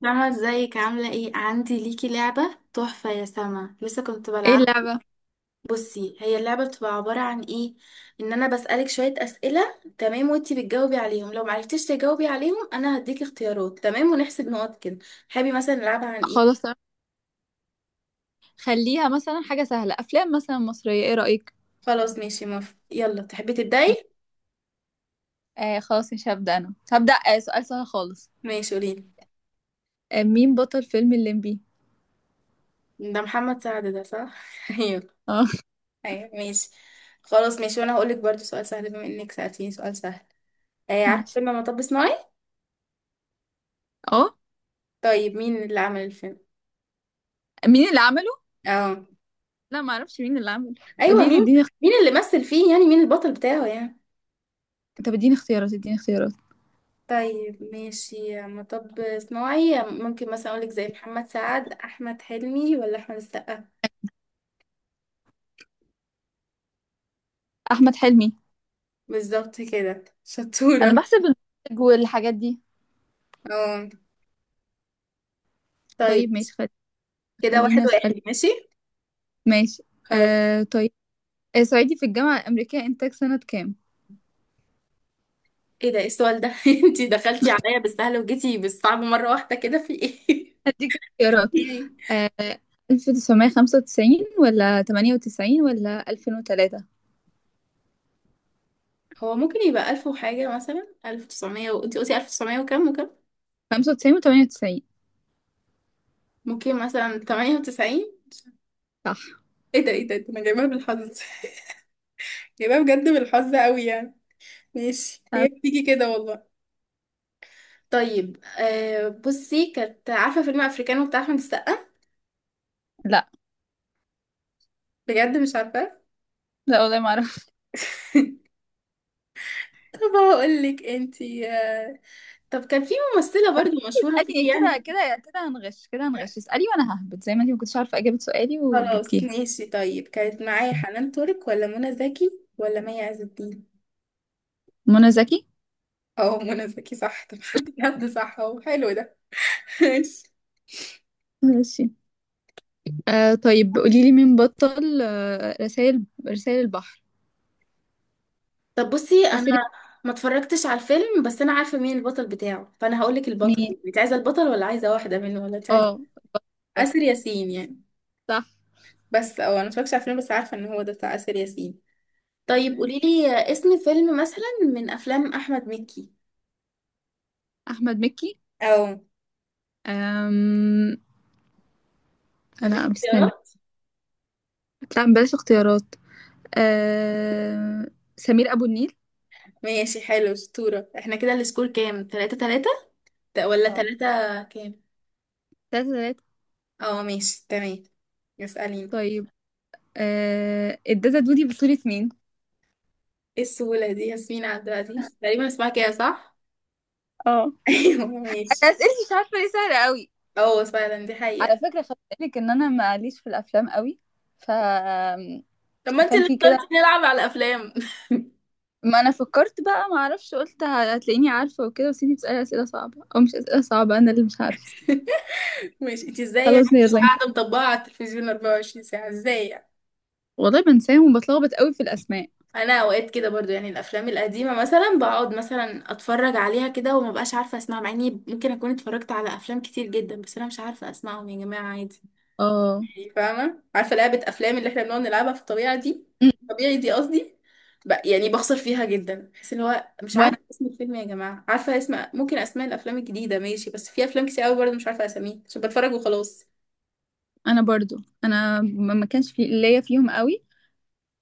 سما ازيك عاملة ايه؟ عندي ليكي لعبة تحفة يا سما، لسه كنت ايه بلعب. اللعبة؟ بصي، هي اللعبة بتبقى عبارة عن ايه؟ ان انا بسألك شوية اسئلة، تمام؟ وانتي بتجاوبي عليهم، لو معرفتيش تجاوبي عليهم انا هديكي اختيارات، تمام؟ ونحسب نقط كده. تحبي مثلا نلعبها عن ايه؟ خلاص تمام. خليها مثلا حاجة سهلة، أفلام مثلا مصرية، ايه رأيك؟ خلاص ماشي، موافقة. يلا تحبي تبدأي؟ آه خلاص، مش هبدأ أنا هبدأ. سؤال سهل خالص. ماشي قوليلي. مين بطل فيلم الليمبي؟ ده محمد سعد، ده صح. ايوه. اه. ايوه ماشي. خلاص ماشي، وانا هقولك برضو سؤال سهل بما انك سألتيني سؤال سهل. آه، عارفة ماشي. فيلم مطب صناعي؟ اه، طيب مين اللي عمل الفيلم؟ مين اللي عمله؟ اه. لا ما اعرفش مين اللي عمله. ايوه قولي لي، مين؟ اديني مين اللي مثل فيه؟ يعني مين البطل بتاعه يعني. طب اديني اختيارات، اديني اختيارات. طيب ماشي، مطب صناعي، ممكن مثلا اقولك زي محمد سعد، احمد حلمي ولا احمد السقا؟ أحمد حلمي. بالظبط كده، شطورة. أنا بحسب المخرج والحاجات دي. اه طيب. طيب ماشي، كده خليني واحد أسأل. واحد، ماشي. ماشي. خلاص. طيب. صعيدي في الجامعة الأمريكية، إنتاج سنة كام؟ ايه ده؟ إيه السؤال ده؟ انتي دخلتي عليا بالسهل وجيتي بالصعب مرة واحدة كده، في ايه؟ هديك اختيارات. ايه؟ آه 1995 ولا 98 ولا 2003؟ هو ممكن يبقى ألف وحاجة، مثلا ألف وتسعمية، وانتي قلتي ألف وتسعمية وكام وكام. 95 و98. ممكن مثلا 98. صح. ايه ده؟ ايه ده؟ إيه ده؟ انا جايبها بالحظ، يبقى بجد بالحظ قوي يعني. ماشي، أه، هي بتيجي كده والله. طيب آه، بصي، كانت عارفة فيلم افريكانو بتاع احمد السقا؟ لا بجد مش عارفة؟ لا، والله ما اعرف. طب هقول لك انتي، طب كان في ممثلة برضو مشهورة اسألي فيه، يعني كده كده كده، هنغش كده، هنغش. اسألي وانا ههبط، زي ما انتي ما كنتش عارفة اجابة سؤالي خلاص وجبتيها. ماشي. طيب كانت معايا حنان ترك ولا منى زكي ولا مي عز الدين؟ منى زكي. اه، منى زكي صح. طب حد صح اهو، حلو ده. ماشي. ماشي. طيب قولي لي، مين بطل رسائل البحر؟ طب بصي انا أسر. ما اتفرجتش على الفيلم بس انا عارفه مين البطل بتاعه، فانا هقول لك مين. البطل، انت عايزه البطل ولا عايزه واحده منه ولا انت عايزه؟ اه. آسر بطل. ياسين يعني. صح. بس او انا ما اتفرجتش على الفيلم، بس عارفه ان هو ده بتاع آسر ياسين. طيب تمام. قولي لي اسم فيلم مثلا من افلام احمد مكي، أحمد مكي. او أم... نديك لا مستني. اختيارات. لا بلاش اختيارات. أم... سمير أبو النيل. ماشي حلو، اسطوره. احنا كده السكور كام، 3 3 ولا اه. 3 كام؟ تلاتة تلاتة. اه ماشي تمام. اساليني. طيب. الداتا دودي بصورة مين؟ ايه السهوله دي؟ ياسمين عبد العزيز، تقريبا اسمها كده صح. اه. ايوه ماشي. انا اسئلتي مش عارفه ليه سهله قوي. اه فعلا، دي حقيقة. على فكره خدت بالك ان انا ماليش في الافلام قوي؟ ف طب ما انت اللي فانتي كده. اخترتي نلعب على الافلام. ما انا فكرت بقى، ما اعرفش، قلت هتلاقيني عارفه وكده، بس انتي بتسالي اسئله صعبه او مش اسئله صعبه، انا اللي مش عارفه. ماشي، انت ازاي يعني خلاص مش يلا انت. قاعدة مطبقة على التلفزيون 24 ساعة؟ ازاي يعني؟ والله بنساهم وبتلخبط قوي في الاسماء. انا اوقات كده برضو يعني، الافلام القديمة مثلا بقعد مثلا اتفرج عليها كده وما بقاش عارفة اسمعها، مع اني ممكن اكون اتفرجت على افلام كتير جدا، بس انا مش عارفة اسمعهم يا جماعة، عادي اه. يعني، فاهمة؟ عارفة لعبة أفلام اللي احنا بنقعد نلعبها في الطبيعة دي، أمم، طبيعي دي قصدي. يعني بخسر فيها جدا، بحس اللي هو مش وانا عارفة اسم الفيلم يا جماعة، عارفة اسم، ممكن أسماء الأفلام الجديدة ماشي، بس في أفلام كتير أوي برضه مش عارفة أساميها عشان بتفرج وخلاص. انا برضو. انا ما كانش في ليا فيهم قوي.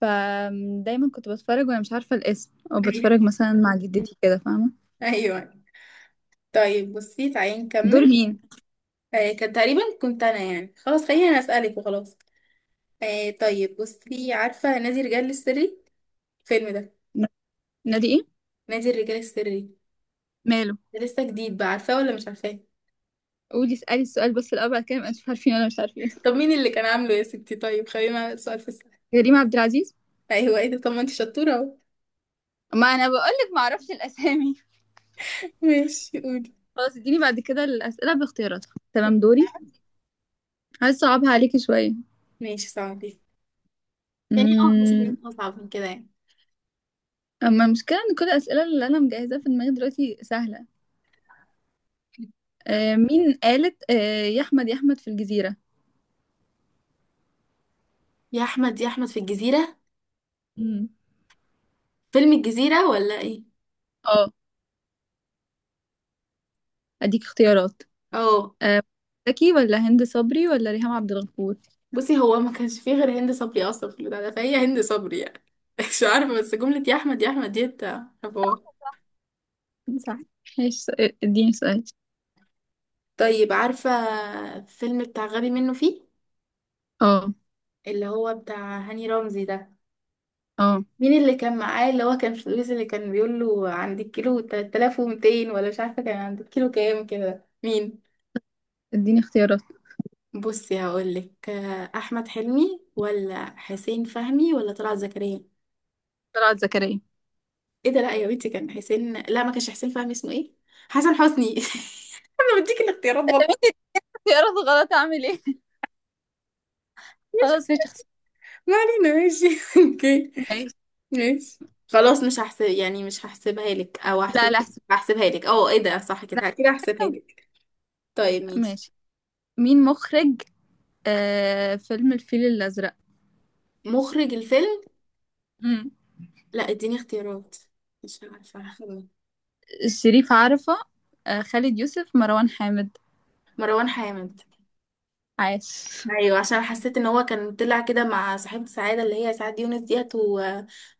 فدايما كنت بتفرج وانا مش عارفه الاسم، او أيوه. بتفرج مثلا مع جدتي كده، فاهمه؟ أيوه. طيب بصي تعالي دور نكمل. مين؟ آه كان تقريبا كنت أنا، يعني خلاص خليني أنا أسألك وخلاص. آه طيب بصي، عارفة نادي الرجال السري الفيلم ده؟ ن- نادي ايه؟ نادي الرجال السري، ماله؟ ده لسه جديد بقى، عارفاه ولا مش عارفاه؟ اسالي السؤال بس الاول، بعد كده ما انتوا عارفين ولا مش عارفين. طب مين اللي كان عامله يا ستي؟ طيب خلينا سؤال في السؤال. كريم عبد العزيز. ايوه، ايه ده، طب ما انت شطوره اهو. ما انا بقول لك ما اعرفش الاسامي. ماشي قولي. خلاص اديني بعد كده الاسئله باختياراتها، تمام؟ دوري. عايز اصعبها عليكي شويه. ماشي صعبي، يعني اه مش حاجات امم اصعب من كده يعني. اما المشكله ان كل الاسئله اللي انا مجهزاها في دماغي دلوقتي سهله. مين قالت آه يا احمد يا احمد في الجزيره؟ يا احمد يا احمد في الجزيره، امم فيلم الجزيره ولا ايه؟ اه. اديك اختيارات. اه، آه، زكي ولا هند صبري ولا ريهام عبد الغفور؟ بصي، هو ما كانش فيه غير هند صبري اصلا في البتاع ده، فهي هند صبري يعني. مش عارفه بس جمله يا احمد يا احمد ديت، حوار. صح. ماشي. اديني سؤال. طيب عارفه الفيلم بتاع غبي منه فيه، اه اللي هو بتاع هاني رمزي ده، اه. مين اللي كان معاه؟ اللي هو كان في الويز، اللي كان بيقول له عندك كيلو 3200 ولا مش عارفه كان عندك كيلو كام كده، مين؟ اديني اختيارات. بصي هقولك احمد حلمي ولا حسين فهمي ولا طلعت زكريا؟ طلعت زكريا. ايه ده؟ لا يا بنتي، كان حسين، لا ما كانش حسين فهمي، اسمه ايه؟ حسن حسني. انا بديك الاختيارات والله. اختيارات غلط، اعمل ايه؟ ماشي، خلاص مش اختيار. ما علينا ماشي. اوكي ماشي. ماشي. خلاص مش هحسب يعني، مش هحسبها لك، او لا هحسب، لا احسن. هحسبها لك. اه ايه ده، صح، لا، كده كده هحسبها أحسن. لك. طيب ماشي. ماشي. مين مخرج فيلم الفيل الأزرق؟ مخرج الفيلم؟ مم. لا اديني اختيارات، مش عارفه، هخمن. شريف عرفة، خالد يوسف، مروان حامد؟ مروان حامد. عاش. ايوه، عشان حسيت ان هو كان طلع كده مع صاحبة سعادة اللي هي سعاد يونس ديت، و...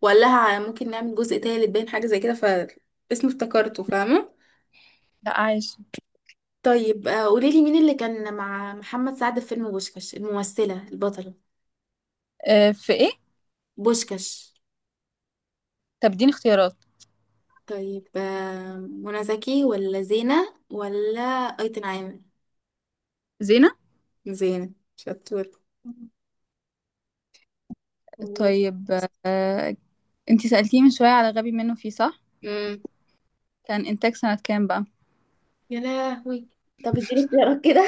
وقال لها ممكن نعمل جزء تالت، باين حاجة زي كده، فاسمه افتكرته، فاهمة. لا، عاش. طيب قوليلي مين اللي كان مع محمد سعد في فيلم بوشكاش الممثلة البطلة؟ في ايه؟ بوشكاش. طب اديني اختيارات. طيب منى زكي ولا زينة ولا أيتن عامر؟ زينة. زينة، شطور. طيب. آه انتي سألتيني من شوية على غبي منه فيه، صح؟ امم. كان إنتاج سنة كام بقى؟ يا لهوي. طب اديني اختيارات كده.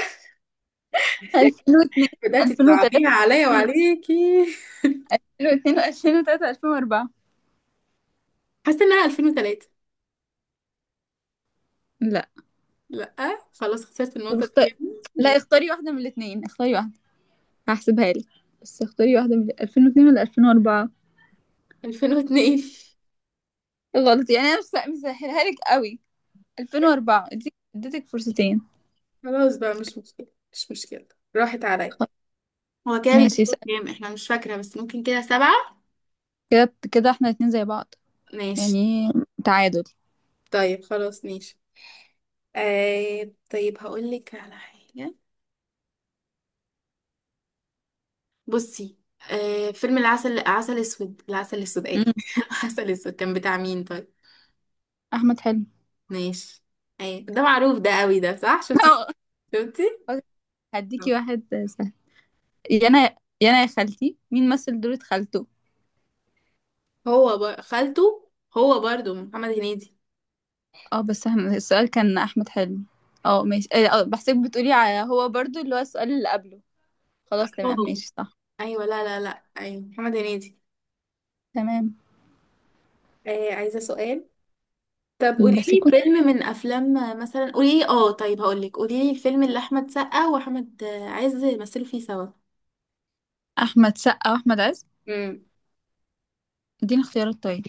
2002. بدأتي 2003، تصعبيها عليا وعليكي. 2002، 2003، 2004. حاسة انها 2003. لا. لا. خلاص خسرت طب النقطة دي اختار. يا لا، ابني. اختاري واحدة من الاتنين، اختاري واحدة، هحسبها لك. بس اختاري واحدة، من 2002 ولا 2004؟ 2002. غلط، يعني انا مش مسهلها لك قوي. 2004. اديتك فرصتين. خلاص بقى، مش مشكلة مش مشكلة. راحت عليا. خ- هو كده ماشي السكور اسأل. كام؟ احنا مش فاكرة، بس ممكن كده 7. كده كده احنا الاتنين زي بعض، ماشي. يعني تعادل. طيب خلاص ماشي. آه طيب هقول لك على حاجة، بصي، آه، فيلم العسل، عسل اسود، العسل اسود قال. مم. العسل اسود، كان بتاع مين طيب؟ احمد حلمي. ماشي. ايه ده معروف ده قوي ده، صح، شفتي؟ شفتي. خلاص، هديكي واحد سهل. يانا، يانا يا خالتي، مين مثل دورة خالته؟ خالته، هو برضو محمد هنيدي. اه بس احنا السؤال كان احمد حلمي. اه ماشي، اه، بحسك بتقولي على هو برضو اللي هو السؤال اللي قبله. اه خلاص تمام ماشي، صح. ايوه، لا لا لا، ايوه محمد هنيدي. تمام آه عايزه سؤال. طب قولي بس لي يكون. فيلم من افلام مثلا، قولي لي، اه طيب هقول لك، قولي لي الفيلم اللي احمد سقا واحمد عز مثلوا فيه سوا. احمد سقا واحمد عز. امم. اديني اختيارات طيب.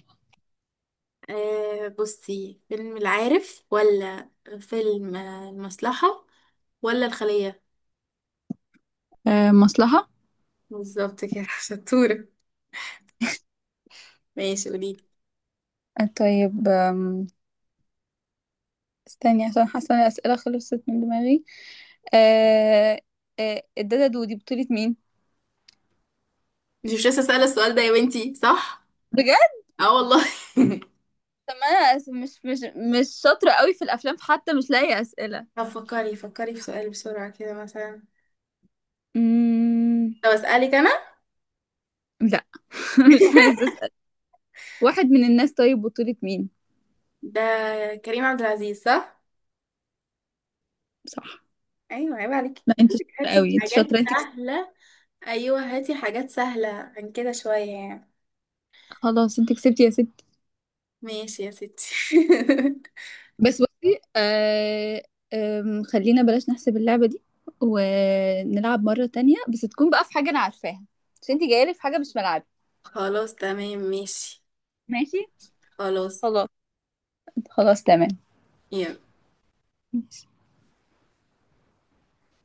آه بصي، فيلم العارف، ولا فيلم المصلحه، ولا الخليه؟ مصلحة. بالظبط كده. شطوره. ماشي قولي لي. طيب استني، عشان حاسة ان الاسئلة خلصت من دماغي. آه آه الدادة دودي بطولة مين؟ مش لسه سأله السؤال ده يا بنتي، صح؟ بجد. اه والله. طب ما انا مش مش شاطرة قوي في الافلام، فحتى مش لاقي اسئلة. طب فكري فكري في سؤال بسرعه كده مثلا. مم... طب اسالك انا. لا. مش عايزة اسأل. واحد من الناس، طيب بطولة مين؟ ده كريم عبد العزيز صح؟ صح. ايوه، عيب عليك، لا انت بقولك شاطره هاتي قوي، انت حاجات شاطره، انت كسبتي. سهلة. أيوة هاتي حاجات سهلة عن كده شوية يعني. خلاص انت كسبتي يا ستي. ماشي يا ستي. بس بصي، خلينا بلاش نحسب اللعبه دي، ونلعب مره تانية، بس تكون بقى في حاجه انا عارفاها، عشان انت جايه لي في حاجه مش ملعبي. خلاص تمام ماشي. ماشي. خلاص. خلاص. خلاص تمام يلا.